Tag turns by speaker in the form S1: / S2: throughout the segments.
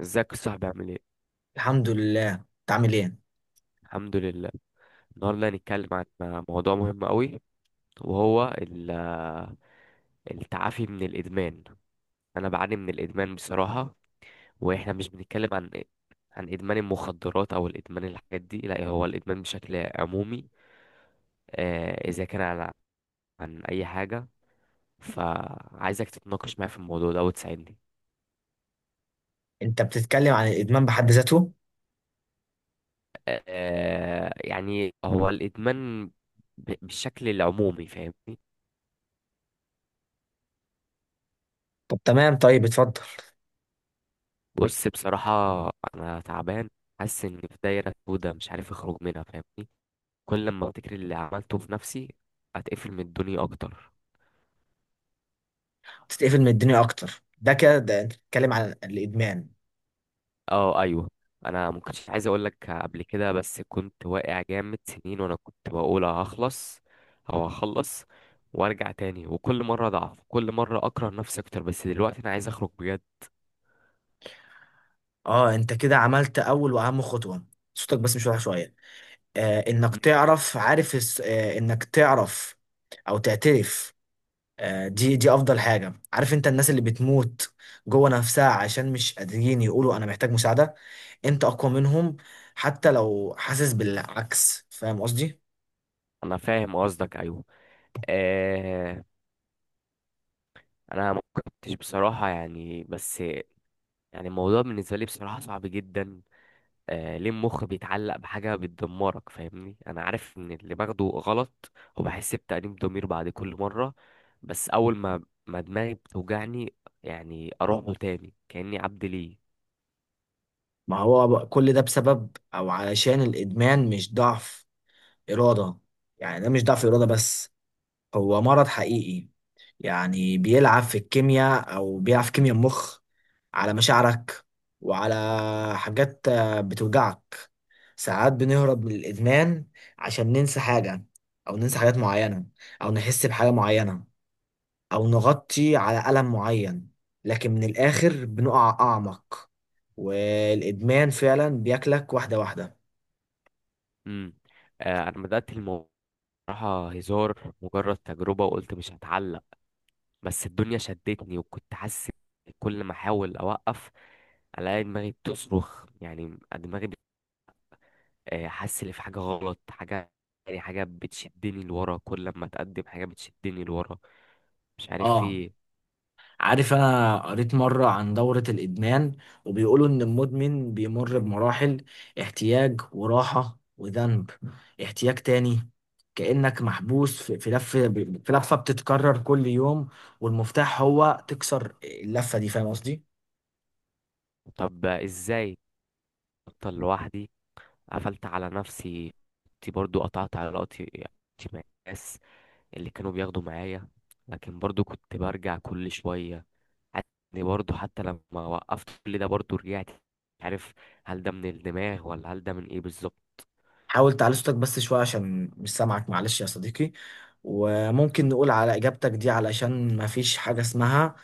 S1: ازيك يا صاحبي؟ عامل ايه؟
S2: الحمد لله، انت عامل ايه؟
S1: الحمد لله. النهارده هنتكلم عن موضوع مهم قوي، وهو التعافي من الادمان. انا بعاني من الادمان بصراحه. واحنا مش بنتكلم عن ادمان المخدرات او الادمان الحاجات دي، لا هو الادمان بشكل عمومي. اذا كان عن اي حاجه، فعايزك تتناقش معايا في الموضوع ده وتساعدني.
S2: انت بتتكلم عن الادمان بحد ذاته؟
S1: يعني هو الادمان بالشكل العمومي، فاهمني؟
S2: طب تمام، طيب اتفضل.
S1: بص، بصراحة أنا تعبان. حاسس إني في دايرة سودا، مش عارف أخرج منها، فاهمني؟ كل لما أفتكر اللي عملته في نفسي أتقفل من الدنيا أكتر.
S2: تتقفل من الدنيا اكتر، ده كده، ده انت بتتكلم عن الادمان.
S1: أه، أيوه. أنا ما كنتش عايز أقول لك قبل كده، بس كنت واقع جامد سنين وأنا كنت بقول هخلص أو هخلص وأرجع تاني. وكل مرة أضعف، كل مرة أكره نفسي أكتر، بس دلوقتي أنا عايز أخرج بجد.
S2: اه، انت كده عملت اول واهم خطوه. صوتك بس مش واضح شويه. انك
S1: مم.
S2: تعرف، عارف انك تعرف او تعترف. آه، دي افضل حاجه. عارف انت، الناس اللي بتموت جوه نفسها عشان مش قادرين يقولوا انا محتاج مساعده. انت اقوى منهم، حتى لو حاسس بالعكس، فاهم قصدي؟
S1: أنا فاهم قصدك، أيوه. آه. أنا ما كنتش بصراحة يعني، بس يعني الموضوع بالنسبة لي بصراحة صعب جدا. آه، ليه المخ بيتعلق بحاجة بتدمرك؟ فاهمني، أنا عارف إن اللي باخده غلط وبحس بتأنيب ضمير بعد كل مرة. بس أول ما دماغي بتوجعني، يعني أروح له تاني كأني عبد ليه.
S2: ما هو بقى كل ده بسبب او علشان الادمان، مش ضعف اراده. يعني ده مش ضعف اراده بس، هو مرض حقيقي. يعني بيلعب في الكيمياء، او بيلعب في كيمياء المخ، على مشاعرك، وعلى حاجات بتوجعك. ساعات بنهرب من الادمان عشان ننسى حاجه، او ننسى حاجات معينه، او نحس بحاجه معينه، أو نغطي على ألم معين. لكن من الآخر بنقع أعمق، والإدمان فعلا بياكلك واحدة واحدة.
S1: امم آه، أنا بدأت الموضوع بصراحة هزار، مجرد تجربة، وقلت مش هتعلق. بس الدنيا شدتني، وكنت حاسس كل ما أحاول أوقف ألاقي دماغي بتصرخ، يعني دماغي حاسس ان في حاجه غلط، حاجه يعني، حاجه بتشدني لورا، كل ما اتقدم حاجه بتشدني لورا، مش عارف في
S2: اه،
S1: ايه.
S2: عارف، انا قريت مرة عن دورة الادمان، وبيقولوا ان المدمن بيمر بمراحل: احتياج وراحة وذنب، احتياج تاني. كأنك محبوس في لفة، في لفة بتتكرر كل يوم. والمفتاح هو تكسر اللفة دي، فاهم قصدي؟
S1: طب، ازاي؟ افضل لوحدي؟ قفلت على نفسي، كنت برضو قطعت علاقتي مع الناس اللي كانوا بياخدوا معايا، لكن برضو كنت برجع كل شويه. يعني برضو حتى لما وقفت كل ده برضو رجعت، مش عارف هل ده من الدماغ ولا هل ده من ايه بالظبط.
S2: حاول تعلي صوتك بس شوية عشان مش سامعك، معلش يا صديقي. وممكن نقول على إجابتك دي، علشان ما فيش حاجة اسمها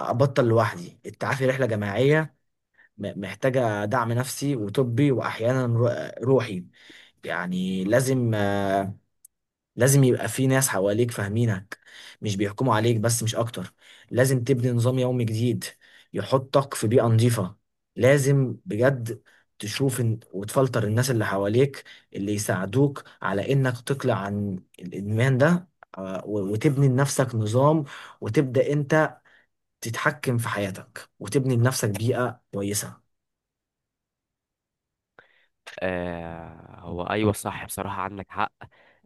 S2: أبطل لوحدي. التعافي رحلة جماعية، محتاجة دعم نفسي وطبي، وأحيانا روحي. يعني لازم يبقى في ناس حواليك فاهمينك، مش بيحكموا عليك، بس مش اكتر. لازم تبني نظام يومي جديد، يحطك في بيئة نظيفة. لازم بجد تشوف وتفلتر الناس اللي حواليك، اللي يساعدوك على انك تقلع عن الادمان ده. وتبني لنفسك نظام، وتبدأ انت تتحكم في حياتك، وتبني لنفسك بيئة كويسة.
S1: آه، هو ايوه صح، بصراحة عندك حق.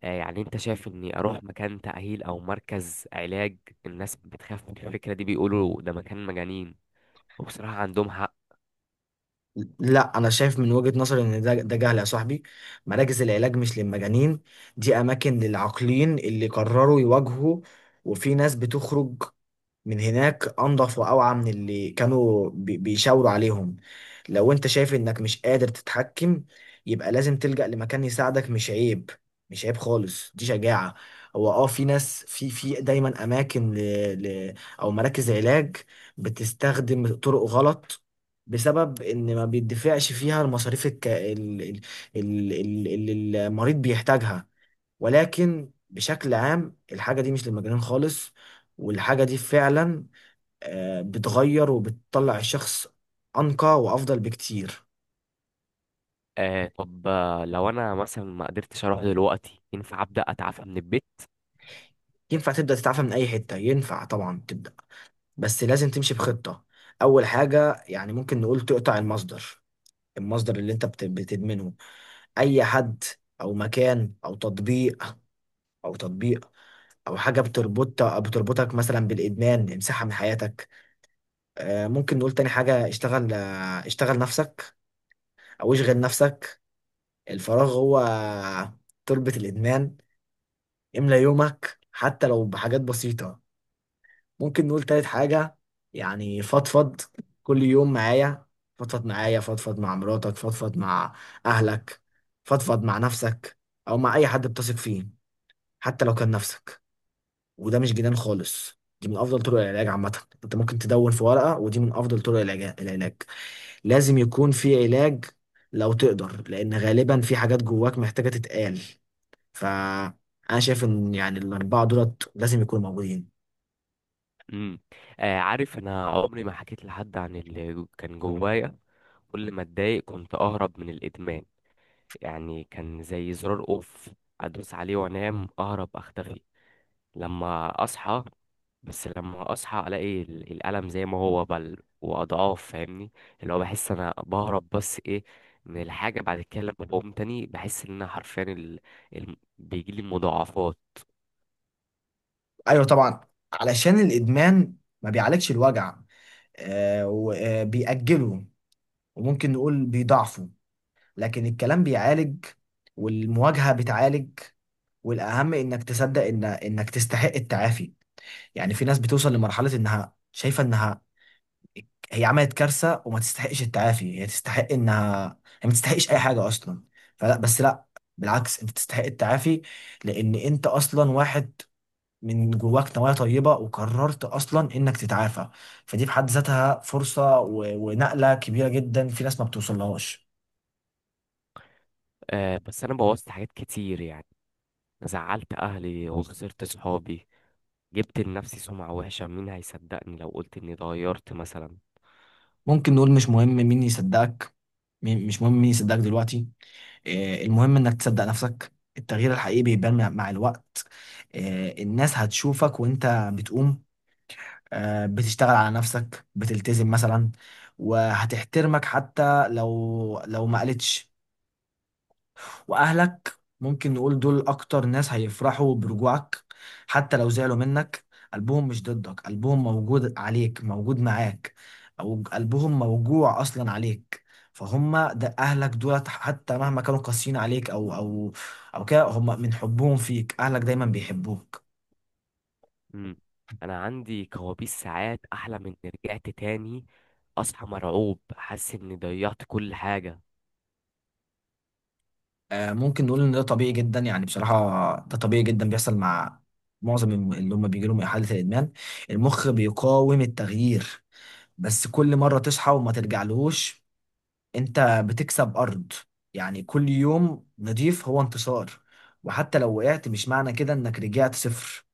S1: آه، يعني انت شايف اني اروح مكان تأهيل او مركز علاج؟ الناس بتخاف من الفكرة دي، بيقولوا ده مكان مجانين، وبصراحة عندهم حق.
S2: لا، انا شايف من وجهة نظري ان ده جهل يا صاحبي. مراكز العلاج مش للمجانين، دي اماكن للعاقلين اللي قرروا يواجهوا. وفي ناس بتخرج من هناك انضف واوعى من اللي كانوا بيشاوروا عليهم. لو انت شايف انك مش قادر تتحكم، يبقى لازم تلجأ لمكان يساعدك. مش عيب، مش عيب خالص، دي شجاعة. هو اه، في ناس، في دايما اماكن ل... او مراكز علاج بتستخدم طرق غلط، بسبب ان ما بيدفعش فيها المصاريف الك... ال... ال... ال... ال- اللي المريض بيحتاجها. ولكن بشكل عام، الحاجة دي مش للمجانين خالص. والحاجة دي فعلا بتغير وبتطلع الشخص أنقى وأفضل بكتير.
S1: آه، طب، لو انا مثلا ما قدرتش اروح دلوقتي، ينفع ابدأ اتعافى من البيت؟
S2: ينفع تبدأ تتعافى من أي حتة، ينفع طبعا تبدأ، بس لازم تمشي بخطة. أول حاجة، يعني ممكن نقول تقطع المصدر. المصدر اللي أنت بتدمنه. أي حد، أو مكان، أو تطبيق، أو تطبيق أو حاجة بتربطك مثلا بالإدمان، امسحها من حياتك. ممكن نقول تاني حاجة، اشتغل نفسك، أو اشغل نفسك. الفراغ هو تربة الإدمان، املى يومك حتى لو بحاجات بسيطة. ممكن نقول تالت حاجة، يعني فضفض. كل يوم معايا، فضفض معايا، فضفض مع مراتك، فضفض مع أهلك، فضفض مع نفسك، أو مع أي حد بتثق فيه، حتى لو كان نفسك. وده مش جنان خالص، دي من افضل طرق العلاج عامه. انت ممكن تدون في ورقه، ودي من افضل طرق العلاج. لازم يكون في علاج، لو تقدر، لان غالبا في حاجات جواك محتاجه تتقال. فانا شايف ان يعني الاربعه دولت لازم يكونوا موجودين.
S1: امم آه، عارف انا عمري ما حكيت لحد عن اللي كان جوايا. كل ما اتضايق كنت اهرب من الادمان، يعني كان زي زرار اوف، ادوس عليه وانام، اهرب، اختفي لما اصحى. بس لما اصحى الاقي الالم زي ما هو بل واضعاف، فاهمني؟ اللي هو بحس انا بهرب بس ايه من الحاجه، بعد كده لما بقوم تاني بحس ان انا حرفيا بيجي لي مضاعفات.
S2: ايوه طبعا، علشان الادمان ما بيعالجش الوجع، وبيأجله، وممكن نقول بيضعفه. لكن الكلام بيعالج، والمواجهه بتعالج، والاهم انك تصدق ان انك تستحق التعافي. يعني في ناس بتوصل لمرحلة انها شايفة انها هي عملت كارثة وما تستحقش التعافي، هي تستحق انها، هي ما تستحقش اي حاجة اصلا. فلا، بس لا، بالعكس، انت تستحق التعافي. لان انت اصلا واحد من جواك نوايا طيبة، وقررت اصلا انك تتعافى. فدي في حد ذاتها فرصة ونقلة كبيرة جدا في ناس ما بتوصلهاش.
S1: آه، بس انا بوظت حاجات كتير يعني، زعلت اهلي وخسرت صحابي، جبت لنفسي سمعه وحشه، مين هيصدقني لو قلت اني اتغيرت مثلا؟
S2: ممكن نقول مش مهم مين يصدقك، مش مهم مين يصدقك دلوقتي. المهم انك تصدق نفسك. التغيير الحقيقي بيبان مع الوقت. الناس هتشوفك وانت بتقوم، بتشتغل على نفسك، بتلتزم مثلا، وهتحترمك حتى لو ما قالتش. واهلك ممكن نقول دول اكتر ناس هيفرحوا برجوعك، حتى لو زعلوا منك. قلبهم مش ضدك، قلبهم موجود عليك، موجود معاك، او قلبهم موجوع اصلا عليك. فهم ده، اهلك دولت حتى مهما كانوا قاسيين عليك، او كده، هم من حبهم فيك، اهلك دايما بيحبوك.
S1: مم. انا عندي كوابيس، ساعات احلم اني رجعت تاني، اصحى مرعوب حاسس اني ضيعت كل حاجه.
S2: ممكن نقول ان ده طبيعي جدا، يعني بصراحة ده طبيعي جدا، بيحصل مع معظم اللي هم بيجي لهم إحالة الإدمان. المخ بيقاوم التغيير، بس كل مرة تصحى وما ترجعلهوش، انت بتكسب أرض. يعني كل يوم نضيف هو انتصار، وحتى لو وقعت مش معنى كده انك رجعت صفر.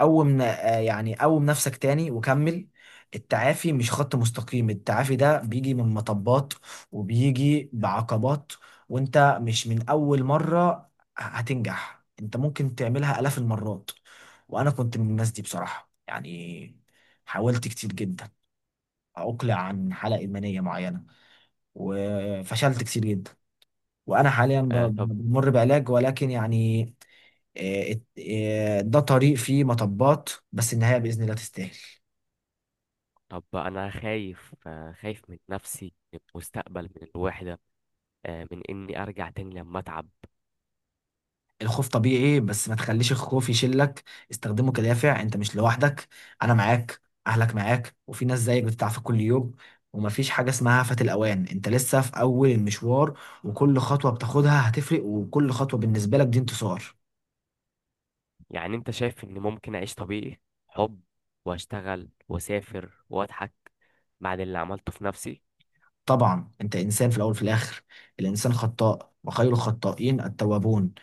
S2: قوم ن- آه، يعني قوم نفسك تاني وكمل. التعافي مش خط مستقيم، التعافي ده بيجي من مطبات، وبيجي بعقبات. وانت مش من أول مرة هتنجح، انت ممكن تعملها آلاف المرات. وانا كنت من الناس دي بصراحة، يعني حاولت كتير جدا عقلة عن حالة إدمانية معينة، وفشلت كتير جدا، وأنا حاليا
S1: آه، طب.
S2: بمر بعلاج. ولكن يعني آه، ات- ده طريق فيه مطبات، بس النهاية بإذن الله تستاهل.
S1: طب انا خايف، خايف من نفسي، من المستقبل، من الوحده، من اني ارجع تاني لما اتعب.
S2: الخوف طبيعي، بس ما تخليش الخوف يشلك، استخدمه كدافع. انت مش لوحدك، انا معاك، اهلك معاك، وفي ناس زيك بتتعافى كل يوم. ومفيش حاجة اسمها فات الأوان، انت لسه في أول المشوار. وكل خطوة بتاخدها هتفرق، وكل خطوة بالنسبة لك دي انتصار.
S1: يعني انت شايف اني ممكن اعيش طبيعي، حب واشتغل واسافر واضحك بعد اللي عملته في نفسي؟
S2: طبعا، انت انسان في الاول وفي الاخر، الانسان خطاء وخير الخطائين التوابون.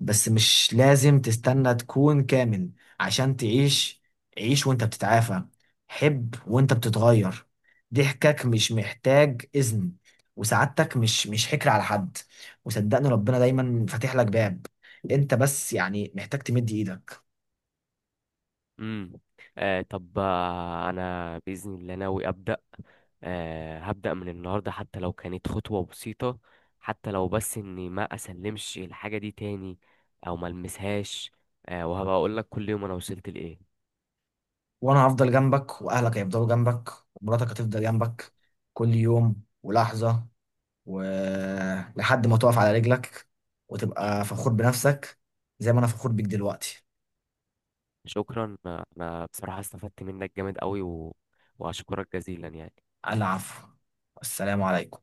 S2: بس مش لازم تستنى تكون كامل عشان تعيش. عيش وانت بتتعافى، حب وانت بتتغير. ضحكك مش محتاج اذن، وسعادتك مش حكر على حد. وصدقني، ربنا دايما فاتح لك باب، انت بس يعني محتاج تمد ايدك.
S1: امم آه، طب، انا باذن الله ناوي ابدا. آه، هبدا من النهارده حتى لو كانت خطوه بسيطه، حتى لو بس اني ما اسلمش الحاجه دي تاني، او ما المسهاش. آه، وهبقى اقول لك كل يوم انا وصلت لايه.
S2: وانا هفضل جنبك، واهلك هيفضلوا جنبك، ومراتك هتفضل جنبك، كل يوم ولحظة، ولحد ما تقف على رجلك وتبقى فخور بنفسك، زي ما انا فخور بيك دلوقتي.
S1: شكرا، انا بصراحة استفدت منك جامد قوي واشكرك جزيلا يعني.
S2: العفو، السلام عليكم.